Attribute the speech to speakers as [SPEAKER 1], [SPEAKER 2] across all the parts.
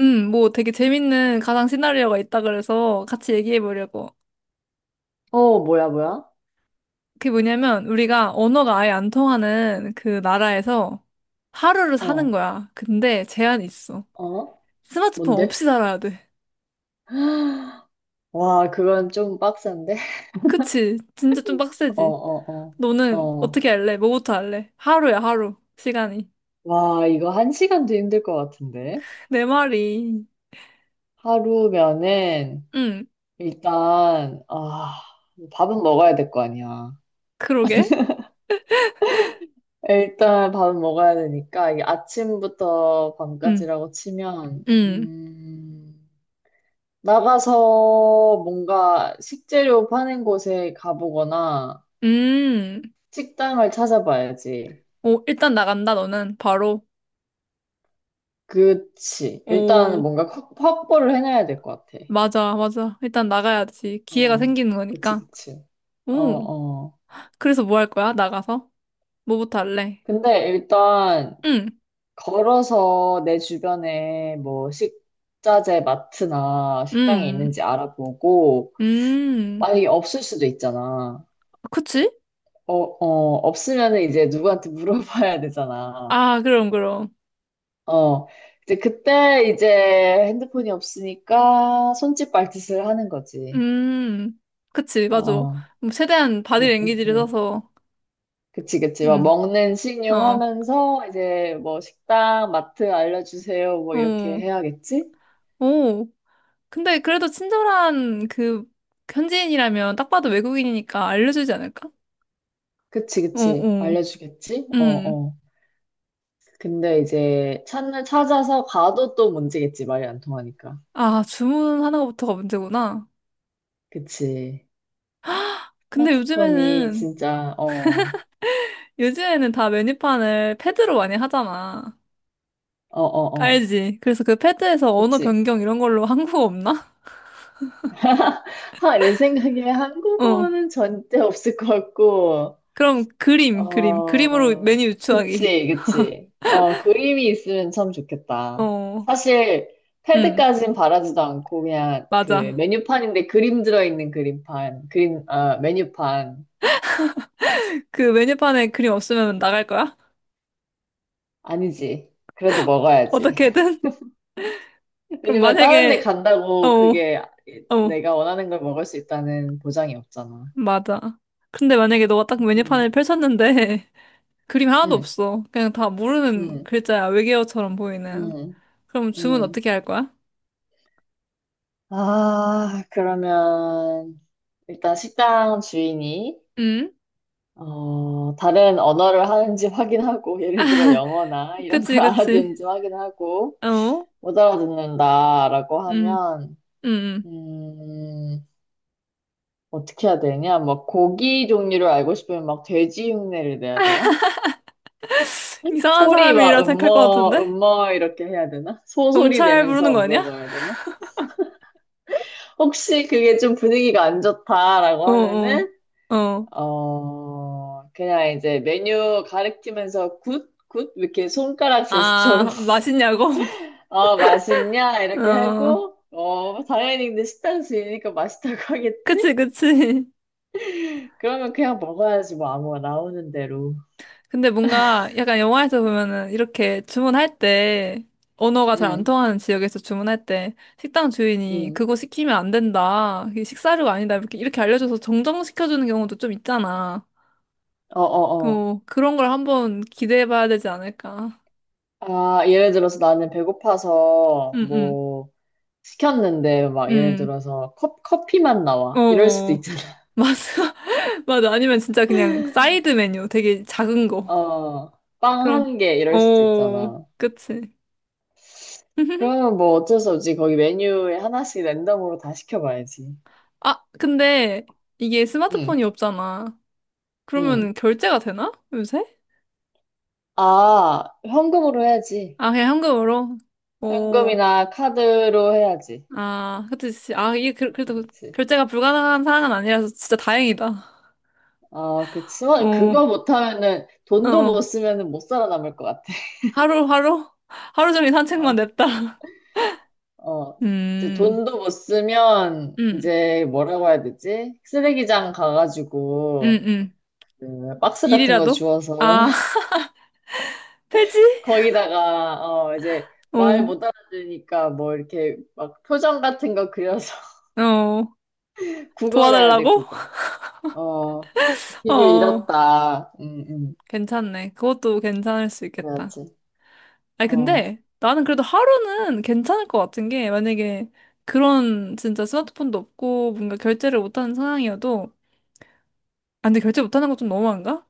[SPEAKER 1] 뭐 되게 재밌는 가상 시나리오가 있다 그래서 같이 얘기해 보려고.
[SPEAKER 2] 어, 뭐야, 뭐야?
[SPEAKER 1] 그게 뭐냐면 우리가 언어가 아예 안 통하는 그 나라에서 하루를 사는
[SPEAKER 2] 어,
[SPEAKER 1] 거야. 근데 제한이 있어.
[SPEAKER 2] 어?
[SPEAKER 1] 스마트폰
[SPEAKER 2] 뭔데?
[SPEAKER 1] 없이 살아야 돼.
[SPEAKER 2] 와, 그건 좀 빡센데?
[SPEAKER 1] 그치? 진짜 좀
[SPEAKER 2] 어,
[SPEAKER 1] 빡세지?
[SPEAKER 2] 어, 어,
[SPEAKER 1] 너는
[SPEAKER 2] 어.
[SPEAKER 1] 어떻게 할래? 뭐부터 할래? 하루야, 하루. 시간이.
[SPEAKER 2] 와, 이거 한 시간도 힘들 것 같은데?
[SPEAKER 1] 내 말이.
[SPEAKER 2] 하루면은,
[SPEAKER 1] 응,
[SPEAKER 2] 일단, 밥은 먹어야 될 거 아니야.
[SPEAKER 1] 그러게.
[SPEAKER 2] 일단 밥은 먹어야 되니까, 이게 아침부터
[SPEAKER 1] 응,
[SPEAKER 2] 밤까지라고 치면,
[SPEAKER 1] 응,
[SPEAKER 2] 나가서 뭔가 식재료 파는 곳에 가보거나,
[SPEAKER 1] 음.
[SPEAKER 2] 식당을 찾아봐야지.
[SPEAKER 1] 오, 일단 나간다, 너는. 바로.
[SPEAKER 2] 그치. 일단
[SPEAKER 1] 오.
[SPEAKER 2] 뭔가 확보를 해놔야 될 것 같아.
[SPEAKER 1] 맞아, 맞아. 일단 나가야지. 기회가
[SPEAKER 2] 어,
[SPEAKER 1] 생기는
[SPEAKER 2] 그치,
[SPEAKER 1] 거니까.
[SPEAKER 2] 그치. 어,
[SPEAKER 1] 오.
[SPEAKER 2] 어.
[SPEAKER 1] 그래서 뭐 할 거야? 나가서? 뭐부터 할래?
[SPEAKER 2] 근데 일단
[SPEAKER 1] 응,
[SPEAKER 2] 걸어서 내 주변에 뭐 식자재 마트나 식당이
[SPEAKER 1] 음,
[SPEAKER 2] 있는지 알아보고,
[SPEAKER 1] 음.
[SPEAKER 2] 만약에 없을 수도 있잖아.
[SPEAKER 1] 그치?
[SPEAKER 2] 어, 어, 없으면은 이제 누구한테 물어봐야 되잖아.
[SPEAKER 1] 아, 그럼, 그럼.
[SPEAKER 2] 어. 이제 그때 이제 핸드폰이 없으니까 손짓 발짓을 하는 거지.
[SPEAKER 1] 음. 그치, 맞아.
[SPEAKER 2] 어.
[SPEAKER 1] 뭐 최대한 바디
[SPEAKER 2] 응, 응,
[SPEAKER 1] 랭귀지를
[SPEAKER 2] 응.
[SPEAKER 1] 써서.
[SPEAKER 2] 그치, 그치. 막
[SPEAKER 1] 음,
[SPEAKER 2] 먹는 식용
[SPEAKER 1] 어,
[SPEAKER 2] 하면서 이제 뭐 식당, 마트 알려주세요. 뭐 이렇게
[SPEAKER 1] 어,
[SPEAKER 2] 해야겠지?
[SPEAKER 1] 오. 근데 그래도 친절한 그 현지인이라면 딱 봐도 외국인이니까 알려주지 않을까?
[SPEAKER 2] 그치,
[SPEAKER 1] 어,
[SPEAKER 2] 그치.
[SPEAKER 1] 어.
[SPEAKER 2] 알려주겠지? 어,
[SPEAKER 1] 음.
[SPEAKER 2] 어. 근데 이제 찾아서 가도 또 문제겠지. 말이 안 통하니까.
[SPEAKER 1] 아, 주문하는 것부터가 문제구나.
[SPEAKER 2] 그치.
[SPEAKER 1] 근데
[SPEAKER 2] 스마트폰이
[SPEAKER 1] 요즘에는
[SPEAKER 2] 진짜, 어,
[SPEAKER 1] 요즘에는 다 메뉴판을 패드로 많이 하잖아.
[SPEAKER 2] 어, 어, 어.
[SPEAKER 1] 알지? 그래서 그 패드에서 언어
[SPEAKER 2] 그치.
[SPEAKER 1] 변경 이런 걸로 한국어 없나?
[SPEAKER 2] 하, 내 생각에
[SPEAKER 1] 어.
[SPEAKER 2] 한국어는 절대 없을 것 같고,
[SPEAKER 1] 그럼 그림, 그림. 그림으로
[SPEAKER 2] 어,
[SPEAKER 1] 메뉴 유추하기.
[SPEAKER 2] 그치, 그치. 어, 그림이 있으면 참 좋겠다.
[SPEAKER 1] 어.
[SPEAKER 2] 사실,
[SPEAKER 1] 응,
[SPEAKER 2] 패드까진 바라지도 않고, 그냥 그
[SPEAKER 1] 맞아.
[SPEAKER 2] 메뉴판인데 그림 들어있는 그림판, 그림, 메뉴판.
[SPEAKER 1] 그 메뉴판에 그림 없으면 나갈 거야?
[SPEAKER 2] 아니지. 그래도 먹어야지.
[SPEAKER 1] 어떻게든? 그럼
[SPEAKER 2] 왜냐면 다른 데
[SPEAKER 1] 만약에, 어,
[SPEAKER 2] 간다고
[SPEAKER 1] 어,
[SPEAKER 2] 그게 내가 원하는 걸 먹을 수 있다는 보장이 없잖아.
[SPEAKER 1] 맞아. 근데 만약에 너가 딱 메뉴판을
[SPEAKER 2] 응,
[SPEAKER 1] 펼쳤는데 그림 하나도
[SPEAKER 2] 응,
[SPEAKER 1] 없어. 그냥 다 모르는
[SPEAKER 2] 응,
[SPEAKER 1] 글자야. 외계어처럼 보이는.
[SPEAKER 2] 응.
[SPEAKER 1] 그럼 주문
[SPEAKER 2] 응.
[SPEAKER 1] 어떻게 할 거야?
[SPEAKER 2] 아, 그러면 일단 식당 주인이
[SPEAKER 1] 응?
[SPEAKER 2] 다른 언어를 하는지 확인하고, 예를 들어 영어나 이런
[SPEAKER 1] 그치,
[SPEAKER 2] 걸
[SPEAKER 1] 그치.
[SPEAKER 2] 알아듣는지 확인하고,
[SPEAKER 1] 어?
[SPEAKER 2] 못 알아듣는다라고
[SPEAKER 1] 음,
[SPEAKER 2] 하면,
[SPEAKER 1] 음,
[SPEAKER 2] 음, 어떻게 해야 되냐? 막 고기 종류를 알고 싶으면 막 돼지 흉내를 내야 되나?
[SPEAKER 1] 이상한
[SPEAKER 2] 소리 막
[SPEAKER 1] 사람이라 생각할 것
[SPEAKER 2] 음머,
[SPEAKER 1] 같은데?
[SPEAKER 2] 음머 이렇게 해야 되나? 소소리
[SPEAKER 1] 경찰 부르는
[SPEAKER 2] 내면서
[SPEAKER 1] 거 아니야?
[SPEAKER 2] 물어봐야 되나? 혹시 그게 좀 분위기가 안 좋다라고
[SPEAKER 1] 어, 어,
[SPEAKER 2] 하면은,
[SPEAKER 1] 어.
[SPEAKER 2] 그냥 이제 메뉴 가리키면서 굿? 굿? 이렇게 손가락 제스처로
[SPEAKER 1] 아, 맛있냐고?
[SPEAKER 2] 맛있냐? 이렇게
[SPEAKER 1] 어,
[SPEAKER 2] 하고, 당연히 근데 식당 주인이니까 맛있다고 하겠지?
[SPEAKER 1] 그치, 그치.
[SPEAKER 2] 그러면 그냥 먹어야지, 뭐, 아무거나 나오는 대로.
[SPEAKER 1] 근데 뭔가 약간 영화에서 보면은 이렇게 주문할 때, 언어가 잘 안
[SPEAKER 2] 응,
[SPEAKER 1] 통하는 지역에서 주문할 때, 식당 주인이
[SPEAKER 2] 응.
[SPEAKER 1] 그거 시키면 안 된다. 이게 식사료가 아니다. 이렇게, 이렇게 알려줘서 정정시켜주는 경우도 좀 있잖아.
[SPEAKER 2] 어,
[SPEAKER 1] 그,
[SPEAKER 2] 어, 어.
[SPEAKER 1] 뭐, 그런 걸 한번 기대해 봐야 되지 않을까.
[SPEAKER 2] 아, 예를 들어서 나는 배고파서,
[SPEAKER 1] 음, 음,
[SPEAKER 2] 뭐, 시켰는데, 막, 예를
[SPEAKER 1] 음.
[SPEAKER 2] 들어서, 커피만 나와. 이럴 수도
[SPEAKER 1] 어어.
[SPEAKER 2] 있잖아.
[SPEAKER 1] 맞아. 맞아. 아니면 진짜 그냥 사이드 메뉴 되게 작은 거.
[SPEAKER 2] 어, 빵
[SPEAKER 1] 그럼,
[SPEAKER 2] 한 개, 이럴 수도
[SPEAKER 1] 어,
[SPEAKER 2] 있잖아.
[SPEAKER 1] 그치.
[SPEAKER 2] 그러면 뭐 어쩔 수 없지. 거기 메뉴에 하나씩 랜덤으로 다 시켜봐야지.
[SPEAKER 1] 아, 근데 이게 스마트폰이
[SPEAKER 2] 응,
[SPEAKER 1] 없잖아.
[SPEAKER 2] 응.
[SPEAKER 1] 그러면 결제가 되나? 요새?
[SPEAKER 2] 아, 현금으로 해야지.
[SPEAKER 1] 아, 그냥 현금으로? 어,
[SPEAKER 2] 현금이나 카드로 해야지.
[SPEAKER 1] 아, 그치. 아, 이게 그,
[SPEAKER 2] 그치,
[SPEAKER 1] 그래도
[SPEAKER 2] 그치.
[SPEAKER 1] 결제가 불가능한 상황은 아니라서 진짜 다행이다.
[SPEAKER 2] 어,
[SPEAKER 1] 어,
[SPEAKER 2] 지원,
[SPEAKER 1] 어,
[SPEAKER 2] 그거 못하면은, 돈도 못
[SPEAKER 1] 어.
[SPEAKER 2] 쓰면은 못 살아남을 것 같아.
[SPEAKER 1] 하루, 하루? 하루 종일 산책만
[SPEAKER 2] 어,
[SPEAKER 1] 냅다.
[SPEAKER 2] 어. 이제
[SPEAKER 1] 음,
[SPEAKER 2] 돈도 못 쓰면,
[SPEAKER 1] 음,
[SPEAKER 2] 이제 뭐라고 해야 되지? 쓰레기장
[SPEAKER 1] 음,
[SPEAKER 2] 가가지고,
[SPEAKER 1] 음.
[SPEAKER 2] 그 박스 같은 거
[SPEAKER 1] 일이라도?
[SPEAKER 2] 주워서,
[SPEAKER 1] 아, 폐지?
[SPEAKER 2] 거기다가, 이제
[SPEAKER 1] 어,
[SPEAKER 2] 말 못 알아들으니까 뭐 이렇게 막 표정 같은 거 그려서
[SPEAKER 1] 어,
[SPEAKER 2] 구걸해야 돼,
[SPEAKER 1] 도와달라고?
[SPEAKER 2] 구걸. 어, 길을
[SPEAKER 1] 어,
[SPEAKER 2] 잃었다. 응, 응.
[SPEAKER 1] 괜찮네. 그것도 괜찮을 수 있겠다.
[SPEAKER 2] 그래야지.
[SPEAKER 1] 아니,
[SPEAKER 2] 어.
[SPEAKER 1] 근데 나는 그래도 하루는 괜찮을 것 같은 게, 만약에 그런 진짜 스마트폰도 없고 뭔가 결제를 못하는 상황이어도, 아, 근데 결제 못하는 거 좀 너무한가?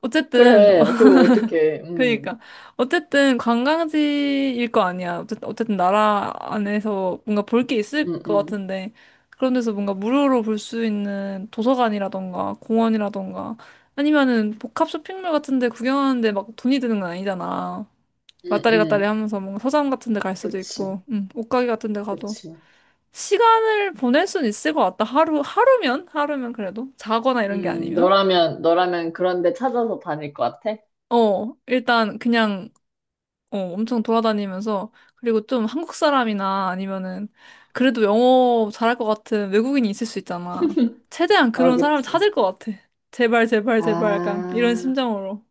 [SPEAKER 1] 어쨌든,
[SPEAKER 2] 그래, 그걸 어떻게,
[SPEAKER 1] 그러니까 어쨌든 관광지일 거 아니야. 어쨌든 나라 안에서 뭔가 볼 게 있을
[SPEAKER 2] 음,
[SPEAKER 1] 것
[SPEAKER 2] 음,
[SPEAKER 1] 같은데 그런 데서 뭔가 무료로 볼 수 있는 도서관이라던가 공원이라던가 아니면은 복합 쇼핑몰 같은 데 구경하는데 막 돈이 드는 건 아니잖아.
[SPEAKER 2] 음,
[SPEAKER 1] 왔다리 갔다리
[SPEAKER 2] 음,
[SPEAKER 1] 하면서 뭔가 서점 같은 데 갈 수도
[SPEAKER 2] 그치,
[SPEAKER 1] 있고 옷가게 같은 데 가도
[SPEAKER 2] 그치.
[SPEAKER 1] 시간을 보낼 순 있을 것 같다. 하루면 그래도 자거나 이런 게 아니면
[SPEAKER 2] 너라면, 너라면 그런 데 찾아서 다닐 것 같아?
[SPEAKER 1] 일단 그냥 엄청 돌아다니면서 그리고 좀 한국 사람이나 아니면은 그래도 영어 잘할 것 같은 외국인이 있을 수 있잖아. 최대한
[SPEAKER 2] 아,
[SPEAKER 1] 그런 사람을
[SPEAKER 2] 그치.
[SPEAKER 1] 찾을 것 같아. 제발 제발 제발 약간 이런
[SPEAKER 2] 아,
[SPEAKER 1] 심정으로.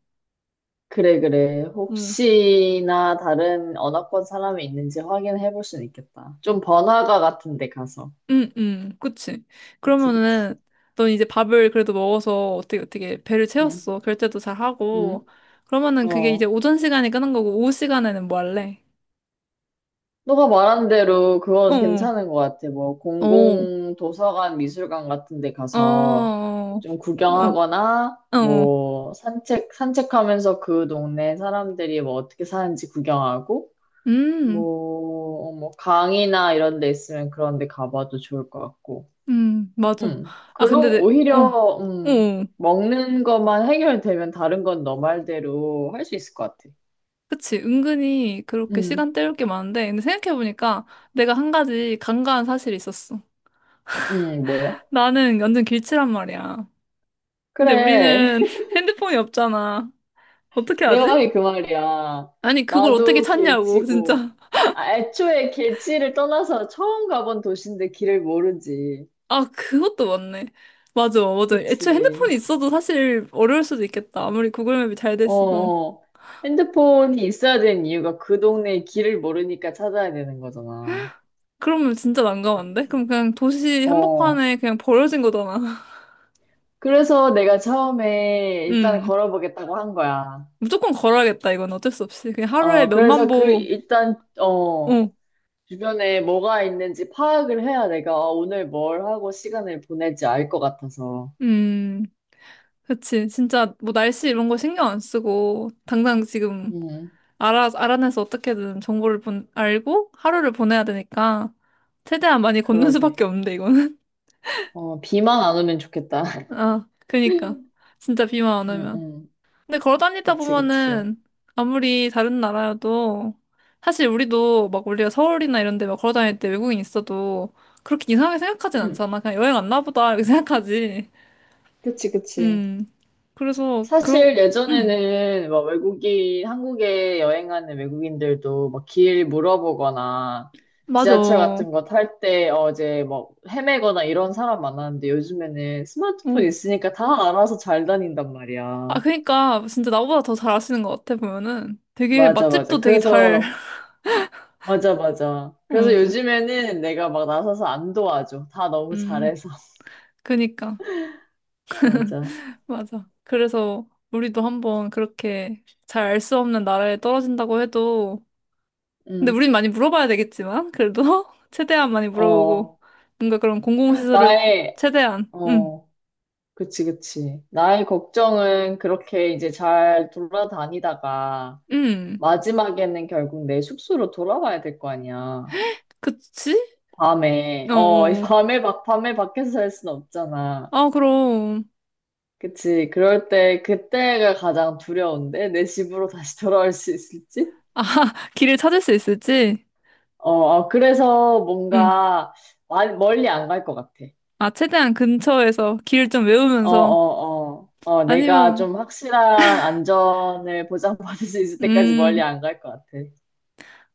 [SPEAKER 2] 그래, 그래.
[SPEAKER 1] 응.
[SPEAKER 2] 혹시나 다른 언어권 사람이 있는지 확인해 볼 수는 있겠다. 좀 번화가 같은 데 가서.
[SPEAKER 1] 응, 응. 그치.
[SPEAKER 2] 그치, 그치.
[SPEAKER 1] 그러면은 넌 이제 밥을 그래도 먹어서 어떻게 어떻게 배를
[SPEAKER 2] 응,
[SPEAKER 1] 채웠어. 결제도 잘 하고.
[SPEAKER 2] 응,
[SPEAKER 1] 그러면은 그게 이제
[SPEAKER 2] 어.
[SPEAKER 1] 오전 시간에 끄는 거고 오후 시간에는 뭐 할래?
[SPEAKER 2] 너가 말한 대로 그거
[SPEAKER 1] 어.
[SPEAKER 2] 괜찮은 것 같아. 뭐,
[SPEAKER 1] 어. 어.
[SPEAKER 2] 공공 도서관, 미술관 같은 데 가서
[SPEAKER 1] 어.
[SPEAKER 2] 좀
[SPEAKER 1] 어.
[SPEAKER 2] 구경하거나,
[SPEAKER 1] 어. 어.
[SPEAKER 2] 뭐, 산책하면서 그 동네 사람들이 뭐 어떻게 사는지 구경하고,
[SPEAKER 1] 음.
[SPEAKER 2] 뭐, 강이나 이런 데 있으면 그런 데 가봐도 좋을 것 같고.
[SPEAKER 1] 맞아. 아, 근데,
[SPEAKER 2] 그럼 오히려,
[SPEAKER 1] 어,
[SPEAKER 2] 먹는 것만 해결되면 다른 건 너 말대로 할 수 있을 것 같아.
[SPEAKER 1] 그치. 은근히 그렇게
[SPEAKER 2] 음
[SPEAKER 1] 시간 때울 게 많은데, 근데 생각해보니까 내가 한 가지 간과한 사실이 있었어.
[SPEAKER 2] 뭐야?
[SPEAKER 1] 나는 완전 길치란 말이야. 근데
[SPEAKER 2] 그래.
[SPEAKER 1] 우리는 핸드폰이 없잖아. 어떻게
[SPEAKER 2] 내
[SPEAKER 1] 하지?
[SPEAKER 2] 말이 그 말이야.
[SPEAKER 1] 아니, 그걸 어떻게
[SPEAKER 2] 나도
[SPEAKER 1] 찾냐고,
[SPEAKER 2] 길치고.
[SPEAKER 1] 진짜.
[SPEAKER 2] 아, 애초에 길치를 떠나서 처음 가본 도시인데 길을 모르지.
[SPEAKER 1] 아, 그것도 맞네. 맞아, 맞아. 애초에
[SPEAKER 2] 그치.
[SPEAKER 1] 핸드폰이 있어도 사실 어려울 수도 있겠다. 아무리 구글맵이 잘 돼
[SPEAKER 2] 어,
[SPEAKER 1] 있어도.
[SPEAKER 2] 어. 핸드폰이 있어야 되는 이유가 그 동네의 길을 모르니까 찾아야 되는 거잖아.
[SPEAKER 1] 그러면 진짜 난감한데? 그럼 그냥 도시
[SPEAKER 2] 어.
[SPEAKER 1] 한복판에 그냥 버려진 거잖아.
[SPEAKER 2] 그래서 내가 처음에 일단
[SPEAKER 1] 음.
[SPEAKER 2] 걸어보겠다고 한 거야.
[SPEAKER 1] 무조건 걸어야겠다, 이건 어쩔 수 없이. 그냥 하루에 몇만
[SPEAKER 2] 그래서
[SPEAKER 1] 보,
[SPEAKER 2] 일단,
[SPEAKER 1] 어,
[SPEAKER 2] 주변에 뭐가 있는지 파악을 해야 내가 오늘 뭘 하고 시간을 보낼지 알 것 같아서.
[SPEAKER 1] 음, 그치. 진짜 뭐 날씨 이런 거 신경 안 쓰고, 당장 지금
[SPEAKER 2] 음.
[SPEAKER 1] 알아내서 어떻게든 정보를 알고 하루를 보내야 되니까, 최대한 많이 걷는
[SPEAKER 2] 그러게.
[SPEAKER 1] 수밖에 없는데, 이거는.
[SPEAKER 2] 비만 안 오면 좋겠다.
[SPEAKER 1] 아, 그니까.
[SPEAKER 2] 응,
[SPEAKER 1] 진짜 비만 안 오면.
[SPEAKER 2] 응.
[SPEAKER 1] 근데 걸어 다니다
[SPEAKER 2] 그치, 그치.
[SPEAKER 1] 보면은, 아무리 다른 나라여도, 사실 우리도 막 우리가 서울이나 이런 데 막 걸어 다닐 때 외국인 있어도, 그렇게 이상하게 생각하진
[SPEAKER 2] 응.
[SPEAKER 1] 않잖아. 그냥 여행 왔나 보다, 이렇게 생각하지.
[SPEAKER 2] 그치, 그치.
[SPEAKER 1] 음. 그래서 그러
[SPEAKER 2] 사실
[SPEAKER 1] 음.
[SPEAKER 2] 예전에는 막 외국인, 한국에 여행하는 외국인들도 막 길 물어보거나
[SPEAKER 1] 맞아.
[SPEAKER 2] 지하철
[SPEAKER 1] 어.
[SPEAKER 2] 같은 거 탈 때 어제 막 헤매거나 이런 사람 많았는데 요즘에는 스마트폰 있으니까 다 알아서 잘 다닌단 말이야.
[SPEAKER 1] 아 그러니까 진짜 나보다 더 잘 아시는 것 같아 보면은 되게
[SPEAKER 2] 맞아, 맞아.
[SPEAKER 1] 맛집도 되게 잘.
[SPEAKER 2] 맞아, 맞아. 그래서
[SPEAKER 1] 어.
[SPEAKER 2] 요즘에는 내가 막 나서서 안 도와줘. 다 너무
[SPEAKER 1] 음.
[SPEAKER 2] 잘해서.
[SPEAKER 1] 그니까
[SPEAKER 2] 맞아.
[SPEAKER 1] 맞아. 그래서 우리도 한번 그렇게 잘 알 수 없는 나라에 떨어진다고 해도 근데
[SPEAKER 2] 응
[SPEAKER 1] 우린 많이 물어봐야 되겠지만 그래도 최대한 많이 물어보고
[SPEAKER 2] 어,
[SPEAKER 1] 뭔가 그런 공공시설을
[SPEAKER 2] 나의,
[SPEAKER 1] 최대한
[SPEAKER 2] 어, 그치, 그치. 나의 걱정은 그렇게 이제 잘 돌아다니다가
[SPEAKER 1] 음.
[SPEAKER 2] 마지막에는 결국 내 숙소로 돌아와야 될 거 아니야.
[SPEAKER 1] 그치?
[SPEAKER 2] 밤에,
[SPEAKER 1] 어.
[SPEAKER 2] 이
[SPEAKER 1] 어.
[SPEAKER 2] 밤에 막, 밤에 밖에서 살 순 없잖아.
[SPEAKER 1] 아 그럼
[SPEAKER 2] 그치. 그럴 때, 그때가 가장 두려운데, 내 집으로 다시 돌아올 수 있을지?
[SPEAKER 1] 아 길을 찾을 수 있을지?
[SPEAKER 2] 어, 어, 그래서
[SPEAKER 1] 응.
[SPEAKER 2] 뭔가, 멀리 안 갈 것 같아.
[SPEAKER 1] 아, 최대한 근처에서 길 좀
[SPEAKER 2] 어,
[SPEAKER 1] 외우면서
[SPEAKER 2] 어, 어. 내가
[SPEAKER 1] 아니면
[SPEAKER 2] 좀 확실한 안전을 보장받을 수 있을 때까지 멀리
[SPEAKER 1] 음,
[SPEAKER 2] 안 갈 것 같아.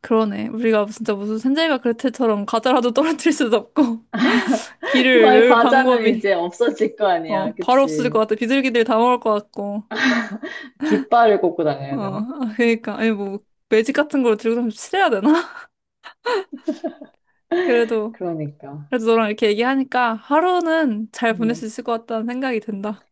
[SPEAKER 1] 그러네. 우리가 진짜 무슨 산자이가 그레텔처럼 과자라도 떨어뜨릴 수도 없고
[SPEAKER 2] 그
[SPEAKER 1] 길을
[SPEAKER 2] 만
[SPEAKER 1] 외울
[SPEAKER 2] 과자는
[SPEAKER 1] 방법이.
[SPEAKER 2] 이제 없어질 거 아니야.
[SPEAKER 1] 어, 바로 없어질
[SPEAKER 2] 그치?
[SPEAKER 1] 것 같아. 비둘기들 다 먹을 것 같고.
[SPEAKER 2] 깃발을 꽂고
[SPEAKER 1] 어,
[SPEAKER 2] 다녀야 되나?
[SPEAKER 1] 아, 그러니까 아니 뭐 매직 같은 걸 들고 좀 칠해야 되나? 그래도
[SPEAKER 2] 그러니까.
[SPEAKER 1] 그래도 너랑 이렇게 얘기하니까 하루는 잘 보낼
[SPEAKER 2] 음.
[SPEAKER 1] 수 있을 것 같다는 생각이 든다.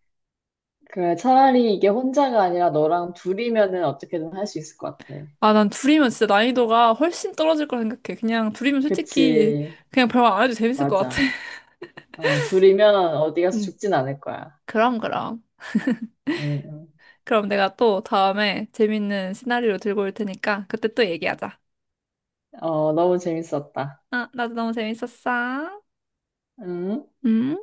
[SPEAKER 2] 그래, 차라리 이게 혼자가 아니라 너랑 둘이면은 어떻게든 할 수 있을 것 같아.
[SPEAKER 1] 아, 난 둘이면 진짜 난이도가 훨씬 떨어질 거라 생각해. 그냥 둘이면 솔직히
[SPEAKER 2] 그치?
[SPEAKER 1] 그냥 별말 안 해도 재밌을 것 같아.
[SPEAKER 2] 맞아. 둘이면 어디 가서
[SPEAKER 1] 음.
[SPEAKER 2] 죽진 않을 거야.
[SPEAKER 1] 그럼, 그럼.
[SPEAKER 2] 응, 응.
[SPEAKER 1] 그럼 내가 또 다음에 재밌는 시나리오 들고 올 테니까 그때 또 얘기하자.
[SPEAKER 2] 너무 재밌었다.
[SPEAKER 1] 아, 나도 너무 재밌었어.
[SPEAKER 2] 응?
[SPEAKER 1] 음.